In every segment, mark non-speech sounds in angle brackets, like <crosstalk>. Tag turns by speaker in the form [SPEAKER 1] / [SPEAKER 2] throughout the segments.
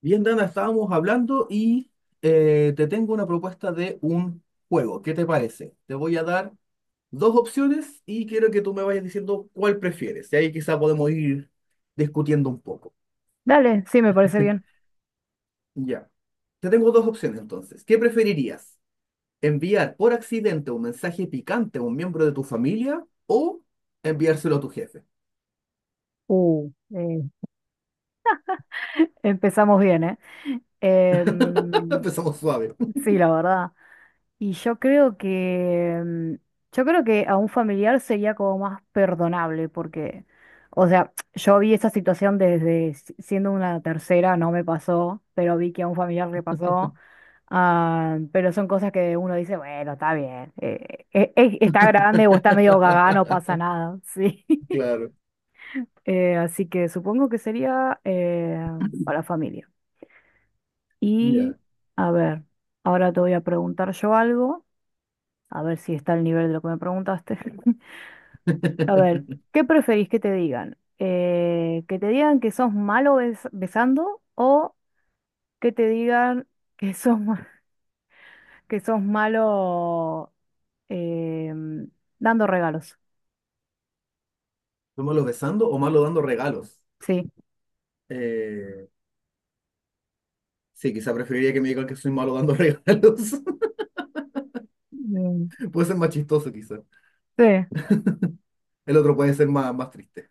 [SPEAKER 1] Bien, Dana, estábamos hablando y te tengo una propuesta de un juego. ¿Qué te parece? Te voy a dar dos opciones y quiero que tú me vayas diciendo cuál prefieres. Y ahí quizá podemos ir discutiendo un poco.
[SPEAKER 2] Dale, sí, me parece bien.
[SPEAKER 1] <laughs> Ya. Te tengo dos opciones entonces. ¿Qué preferirías? ¿Enviar por accidente un mensaje picante a un miembro de tu familia o enviárselo a tu jefe?
[SPEAKER 2] Uh, eh, empezamos bien, ¿eh?
[SPEAKER 1] <laughs>
[SPEAKER 2] Em,
[SPEAKER 1] Empezamos suave.
[SPEAKER 2] sí, la verdad. Y yo creo que, yo creo que a un familiar sería como más perdonable, porque, o sea, yo vi esa situación desde siendo una tercera, no me pasó, pero vi que a un familiar le pasó. Ah, pero son cosas que uno dice, bueno, está bien, está grande o está medio gaga, no
[SPEAKER 1] <laughs>
[SPEAKER 2] pasa nada, <laughs> sí.
[SPEAKER 1] Claro.
[SPEAKER 2] Así que supongo que sería para familia. Y
[SPEAKER 1] Ya.
[SPEAKER 2] a ver, ahora te voy a preguntar yo algo, a ver si está al nivel de lo que me preguntaste. <laughs> A ver, ¿qué preferís que te digan? ¿Que te digan que sos malo besando o que te digan <laughs> que <laughs> que sos malo em, dando regalos?
[SPEAKER 1] ¿Tú malo besando o malo dando regalos?
[SPEAKER 2] Sí.
[SPEAKER 1] Eh, Sí, quizá preferiría que me digan que soy malo dando <laughs> regalos.
[SPEAKER 2] Mm,
[SPEAKER 1] Puede ser más chistoso, quizá.
[SPEAKER 2] sí,
[SPEAKER 1] El otro puede ser más, más triste.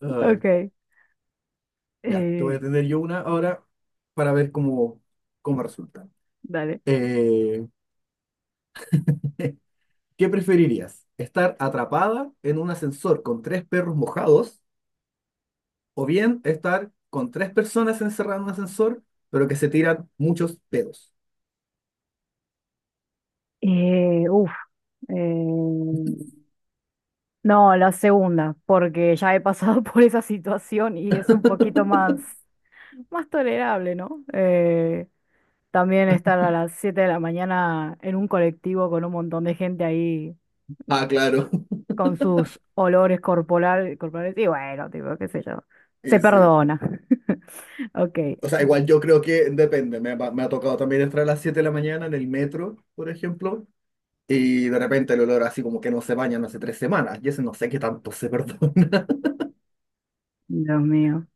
[SPEAKER 1] Ay,
[SPEAKER 2] ok.
[SPEAKER 1] ya, te
[SPEAKER 2] Eh,
[SPEAKER 1] voy a tener yo una ahora para ver cómo, cómo resulta.
[SPEAKER 2] dale.
[SPEAKER 1] Eh, <laughs> ¿qué preferirías? ¿Estar atrapada en un ascensor con tres perros mojados o bien estar con tres personas encerradas en un ascensor, pero que se tiran muchos pedos?
[SPEAKER 2] Uf, eh, no, la segunda, porque ya he pasado <laughs> por esa situación y es un poquito más, más tolerable, ¿no? También estar a las 7 de la mañana en un colectivo con un montón de gente ahí
[SPEAKER 1] Ah, claro. <laughs>
[SPEAKER 2] con sus corporales y bueno, tipo, qué sé yo, se
[SPEAKER 1] Sí, sí.
[SPEAKER 2] perdona. <laughs> Ok,
[SPEAKER 1] O sea, igual yo creo que depende. Ha me ha tocado también entrar a las 7 de la mañana en el metro, por ejemplo, y de repente el olor así como que no se bañan hace 3 semanas. Y ese no sé qué tanto se perdona.
[SPEAKER 2] Dios mío.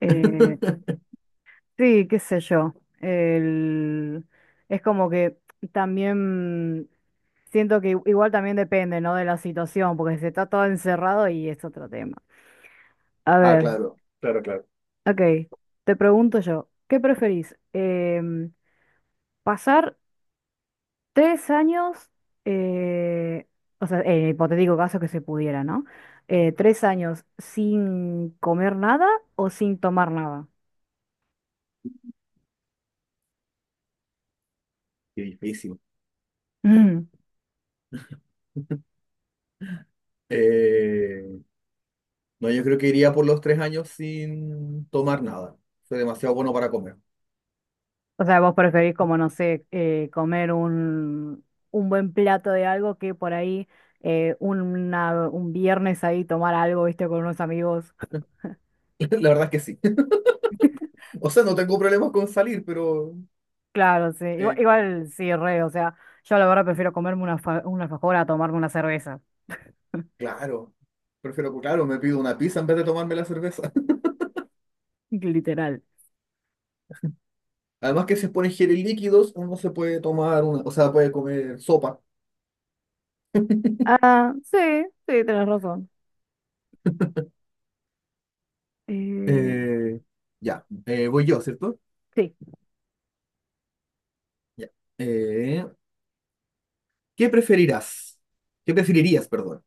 [SPEAKER 2] Eh,
[SPEAKER 1] <laughs>
[SPEAKER 2] sí, qué sé yo. El... Es como que también siento que igual también depende, ¿no? De la situación, porque si está todo encerrado y es otro tema. A
[SPEAKER 1] Ah,
[SPEAKER 2] ver,
[SPEAKER 1] claro, claro, claro.
[SPEAKER 2] ok, te pregunto yo, ¿qué preferís? ¿Pasar tres años, eh, o sea, en el hipotético caso que se pudiera, ¿no? ¿3 años sin comer nada o sin tomar nada?
[SPEAKER 1] Qué difícil.
[SPEAKER 2] <clears throat> <laughs>
[SPEAKER 1] Eh, no, yo creo que iría por los 3 años sin tomar nada. Soy demasiado bueno para comer.
[SPEAKER 2] O sea, vos preferís como, no sé, comer un buen plato de algo que por ahí, un viernes ahí tomar algo, viste, con unos amigos.
[SPEAKER 1] <laughs> La verdad es que sí. <laughs> O sea, no tengo problemas con salir, pero
[SPEAKER 2] Claro, sí. Igual,
[SPEAKER 1] eh,
[SPEAKER 2] igual sí, re. O sea, yo la verdad prefiero comerme una alfajora a tomarme una cerveza. <laughs>
[SPEAKER 1] claro. Prefiero, claro, me pido una pizza en vez de tomarme la cerveza.
[SPEAKER 2] Literal.
[SPEAKER 1] Además que si se ponen geles líquidos, uno se puede tomar una, o sea, puede comer sopa.
[SPEAKER 2] Ah, sí, sí, tenés razón. Eh,
[SPEAKER 1] Eh, ya, voy yo, ¿cierto?
[SPEAKER 2] sí.
[SPEAKER 1] Ya. Eh, ¿Qué preferirás? ¿Qué preferirías, perdón?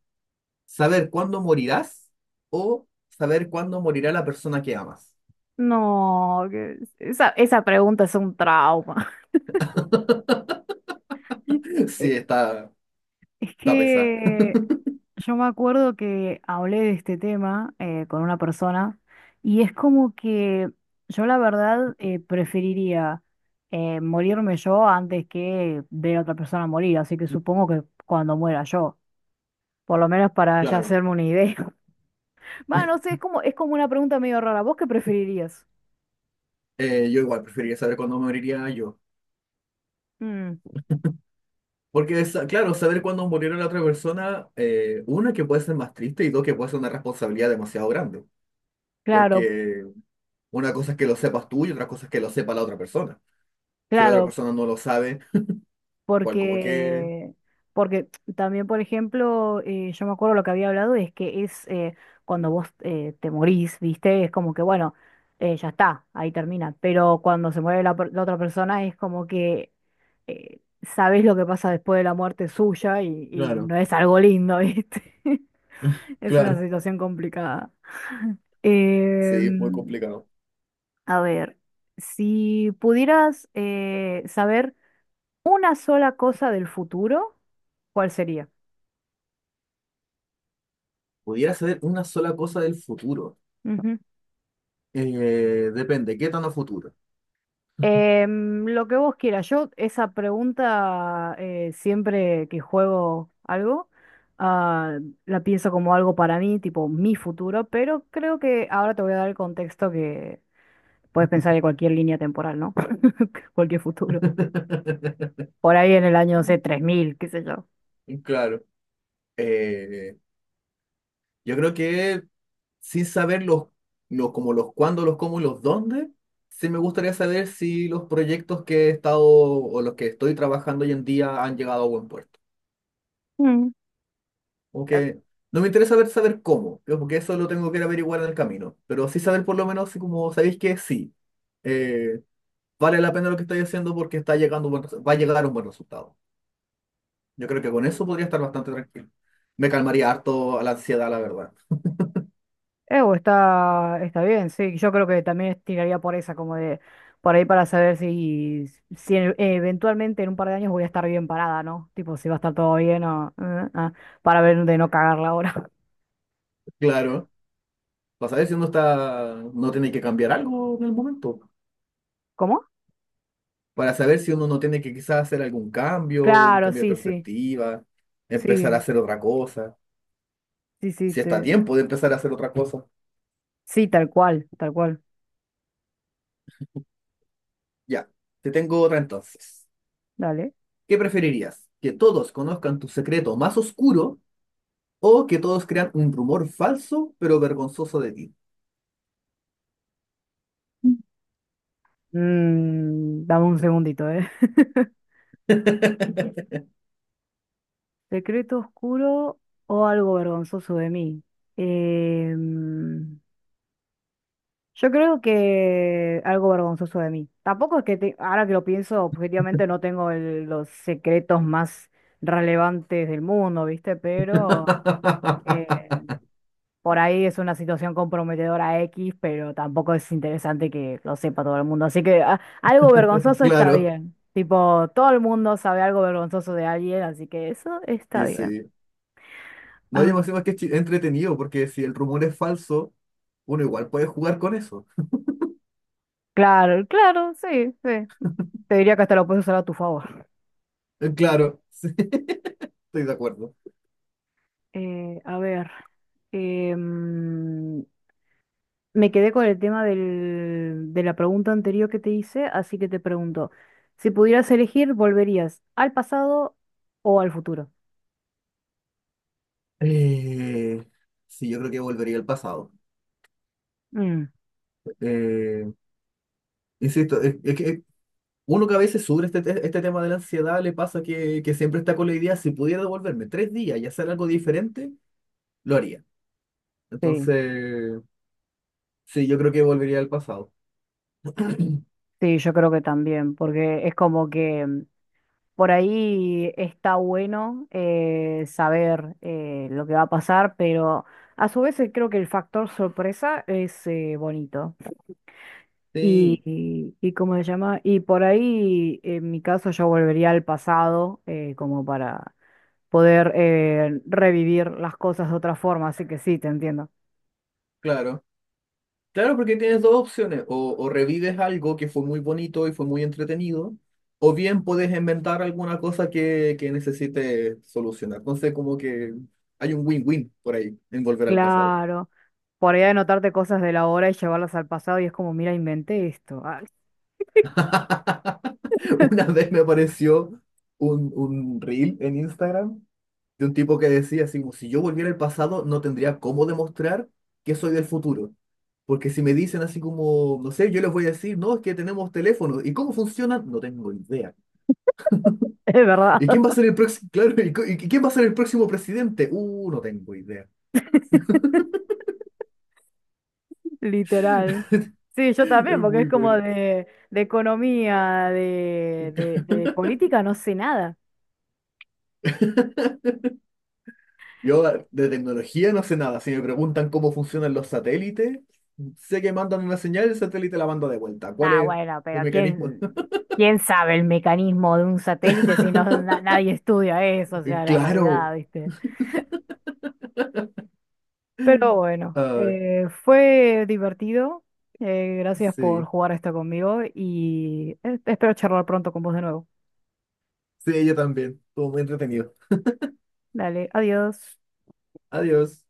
[SPEAKER 1] ¿Saber cuándo morirás o saber cuándo morirá la persona que amas?
[SPEAKER 2] No, esa, esa pregunta es un trauma. <laughs>
[SPEAKER 1] <laughs> Sí,
[SPEAKER 2] Eh,
[SPEAKER 1] está,
[SPEAKER 2] es
[SPEAKER 1] está pesado,
[SPEAKER 2] que yo me acuerdo que hablé de este tema con una persona y es como que yo la verdad preferiría morirme yo antes que ver a otra persona morir, así que supongo que cuando muera yo, por lo menos para ya
[SPEAKER 1] claro.
[SPEAKER 2] hacerme una idea. <laughs> Va, no sé, es como una pregunta medio rara. ¿Vos qué preferirías?
[SPEAKER 1] Yo igual preferiría saber cuándo moriría yo.
[SPEAKER 2] Mm,
[SPEAKER 1] Porque, sa- claro, saber cuándo morirá la otra persona, una que puede ser más triste y dos que puede ser una responsabilidad demasiado grande.
[SPEAKER 2] claro,
[SPEAKER 1] Porque una cosa es que lo sepas tú y otra cosa es que lo sepa la otra persona. Si la otra
[SPEAKER 2] claro,
[SPEAKER 1] persona no lo sabe, cual como que
[SPEAKER 2] porque, porque también, por ejemplo, yo me acuerdo lo que había hablado es que es cuando vos te morís, ¿viste? Es como que, bueno, ya está, ahí termina. Pero cuando se muere la otra persona es como que sabés lo que pasa después de la muerte suya y
[SPEAKER 1] claro,
[SPEAKER 2] no es algo lindo, ¿viste? <laughs>
[SPEAKER 1] <laughs>
[SPEAKER 2] Es una
[SPEAKER 1] claro.
[SPEAKER 2] situación complicada.
[SPEAKER 1] Sí, es muy
[SPEAKER 2] Em,
[SPEAKER 1] complicado.
[SPEAKER 2] a ver, si pudieras saber una sola cosa del futuro, ¿cuál sería?
[SPEAKER 1] Pudiera saber una sola cosa del futuro.
[SPEAKER 2] Ujú.
[SPEAKER 1] Depende, ¿qué tan a futuro?
[SPEAKER 2] Lo que vos quieras. Yo esa pregunta siempre que juego algo, ah, la pienso como algo para mí, tipo mi futuro, pero creo que ahora te voy a dar el contexto que puedes pensar en cualquier línea temporal, ¿no? <laughs> Cualquier futuro.
[SPEAKER 1] <laughs>
[SPEAKER 2] Por ahí en el año, no sé, 3000 qué sé yo.
[SPEAKER 1] Claro. Eh, yo creo que sin saber los como los cuándo, los cómo y los dónde, sí me gustaría saber si los proyectos que he estado o los que estoy trabajando hoy en día han llegado a buen puerto.
[SPEAKER 2] Mm.
[SPEAKER 1] Como que no me interesa ver saber cómo, creo, porque eso lo tengo que ir a averiguar en el camino. Pero sí saber por lo menos si como sabéis que sí. eh, vale la pena lo que estoy haciendo porque está llegando un buen resu- va a llegar un buen resultado. Yo creo que con eso podría estar bastante tranquilo. Me calmaría harto a la ansiedad, la verdad.
[SPEAKER 2] Ew, está, está bien, sí. Yo creo que también tiraría por esa, como de por ahí para saber si, si eventualmente en un par de años voy a estar bien parada, ¿no? Tipo, si va a estar todo bien o para ver de no cagarla ahora.
[SPEAKER 1] Claro, para saber si uno está, no tiene que cambiar algo en el momento.
[SPEAKER 2] <laughs> ¿Cómo?
[SPEAKER 1] Para saber si uno no tiene que quizás hacer algún cambio, un
[SPEAKER 2] Claro,
[SPEAKER 1] cambio de
[SPEAKER 2] sí, sí,
[SPEAKER 1] perspectiva, empezar a
[SPEAKER 2] sí,
[SPEAKER 1] hacer otra cosa.
[SPEAKER 2] sí,
[SPEAKER 1] Si está a tiempo de empezar a hacer otra cosa.
[SPEAKER 2] sí, tal cual, tal cual.
[SPEAKER 1] Ya, te tengo otra entonces.
[SPEAKER 2] Dale.
[SPEAKER 1] ¿Qué preferirías? ¿Que todos conozcan tu secreto más oscuro o que todos crean un rumor falso pero vergonzoso de ti?
[SPEAKER 2] Mm, dame un segundito, ¿eh? <laughs> Secreto oscuro o algo vergonzoso de mí. Em, Yo creo que algo vergonzoso de mí. Tampoco es que ahora que lo pienso, objetivamente no tengo los secretos más relevantes del mundo, ¿viste? Pero eh,
[SPEAKER 1] <laughs>
[SPEAKER 2] por ahí es una situación comprometedora X, pero tampoco es interesante que lo sepa todo el mundo. Así que ah, algo vergonzoso está
[SPEAKER 1] Claro,
[SPEAKER 2] bien. Tipo, todo el mundo sabe algo vergonzoso de alguien, así que eso está
[SPEAKER 1] y
[SPEAKER 2] bien.
[SPEAKER 1] sí. No,
[SPEAKER 2] A
[SPEAKER 1] yo me
[SPEAKER 2] ver,
[SPEAKER 1] imagino que es chi- entretenido porque si el rumor es falso, uno igual puede jugar con eso.
[SPEAKER 2] claro, claro, sí, sí. Te diría que hasta lo puedes usar a tu favor.
[SPEAKER 1] Claro, <laughs> sí, estoy de acuerdo.
[SPEAKER 2] A ver, em, me quedé con el tema de la pregunta anterior que te hice, así que te pregunto, si pudieras elegir, ¿volverías al pasado o al futuro?
[SPEAKER 1] Eh, sí, yo creo que volvería al pasado.
[SPEAKER 2] Mm,
[SPEAKER 1] Eh, insisto, es que uno que a veces sufre este, te- este tema de la ansiedad, le pasa que siempre está con la idea, si pudiera devolverme 3 días y hacer algo diferente, lo haría.
[SPEAKER 2] sí,
[SPEAKER 1] Entonces, sí, yo creo que volvería al pasado.
[SPEAKER 2] sí, yo creo que también, porque es como que mm, por ahí está bueno saber lo que va a pasar, pero a su vez creo que el factor sorpresa es bonito.
[SPEAKER 1] Sí,
[SPEAKER 2] Y cómo se llama, y por ahí en mi caso yo volvería al pasado como para poder revivir las cosas de otra forma, así que sí, te entiendo.
[SPEAKER 1] claro. Claro, porque tienes dos opciones. O revives algo que fue muy bonito y fue muy entretenido, o bien puedes inventar alguna cosa que necesites solucionar. Entonces, como que hay un win-win por ahí en volver al pasado.
[SPEAKER 2] Claro, por ahí anotarte cosas de la hora y llevarlas al pasado y es como, mira, inventé esto, ah, <laughs>
[SPEAKER 1] <laughs> Una vez me apareció un reel en Instagram de un tipo que decía así como, si yo volviera al pasado no tendría cómo demostrar que soy del futuro. Porque si me dicen así como, no sé, yo les voy a decir, no, es que tenemos teléfonos. ¿Y cómo funcionan? No tengo idea.
[SPEAKER 2] es
[SPEAKER 1] ¿Y
[SPEAKER 2] verdad,
[SPEAKER 1] quién va a ser el próximo? <laughs> Claro, ¿y, co- y quién va a ser el próximo presidente? No tengo idea.
[SPEAKER 2] <laughs> literal. Sí,
[SPEAKER 1] <laughs>
[SPEAKER 2] yo
[SPEAKER 1] Es
[SPEAKER 2] también, porque es
[SPEAKER 1] muy
[SPEAKER 2] como
[SPEAKER 1] bueno.
[SPEAKER 2] de economía, de política, no sé nada.
[SPEAKER 1] Yo de tecnología no sé nada. Si me preguntan cómo funcionan los satélites, sé que mandan una señal, el satélite la manda de vuelta. ¿Cuál
[SPEAKER 2] Nah,
[SPEAKER 1] es
[SPEAKER 2] bueno,
[SPEAKER 1] el
[SPEAKER 2] pero
[SPEAKER 1] mecanismo?
[SPEAKER 2] ¿quién,
[SPEAKER 1] <laughs>
[SPEAKER 2] quién sabe el mecanismo de un satélite si no nadie estudia eso? O sea, la realidad,
[SPEAKER 1] Claro.
[SPEAKER 2] ¿viste? Pero bueno,
[SPEAKER 1] Ah,
[SPEAKER 2] fue divertido. Gracias por
[SPEAKER 1] sí.
[SPEAKER 2] jugar esto conmigo y espero charlar pronto con vos de nuevo.
[SPEAKER 1] Sí, yo también. Estuvo muy entretenido.
[SPEAKER 2] Dale, adiós.
[SPEAKER 1] Adiós.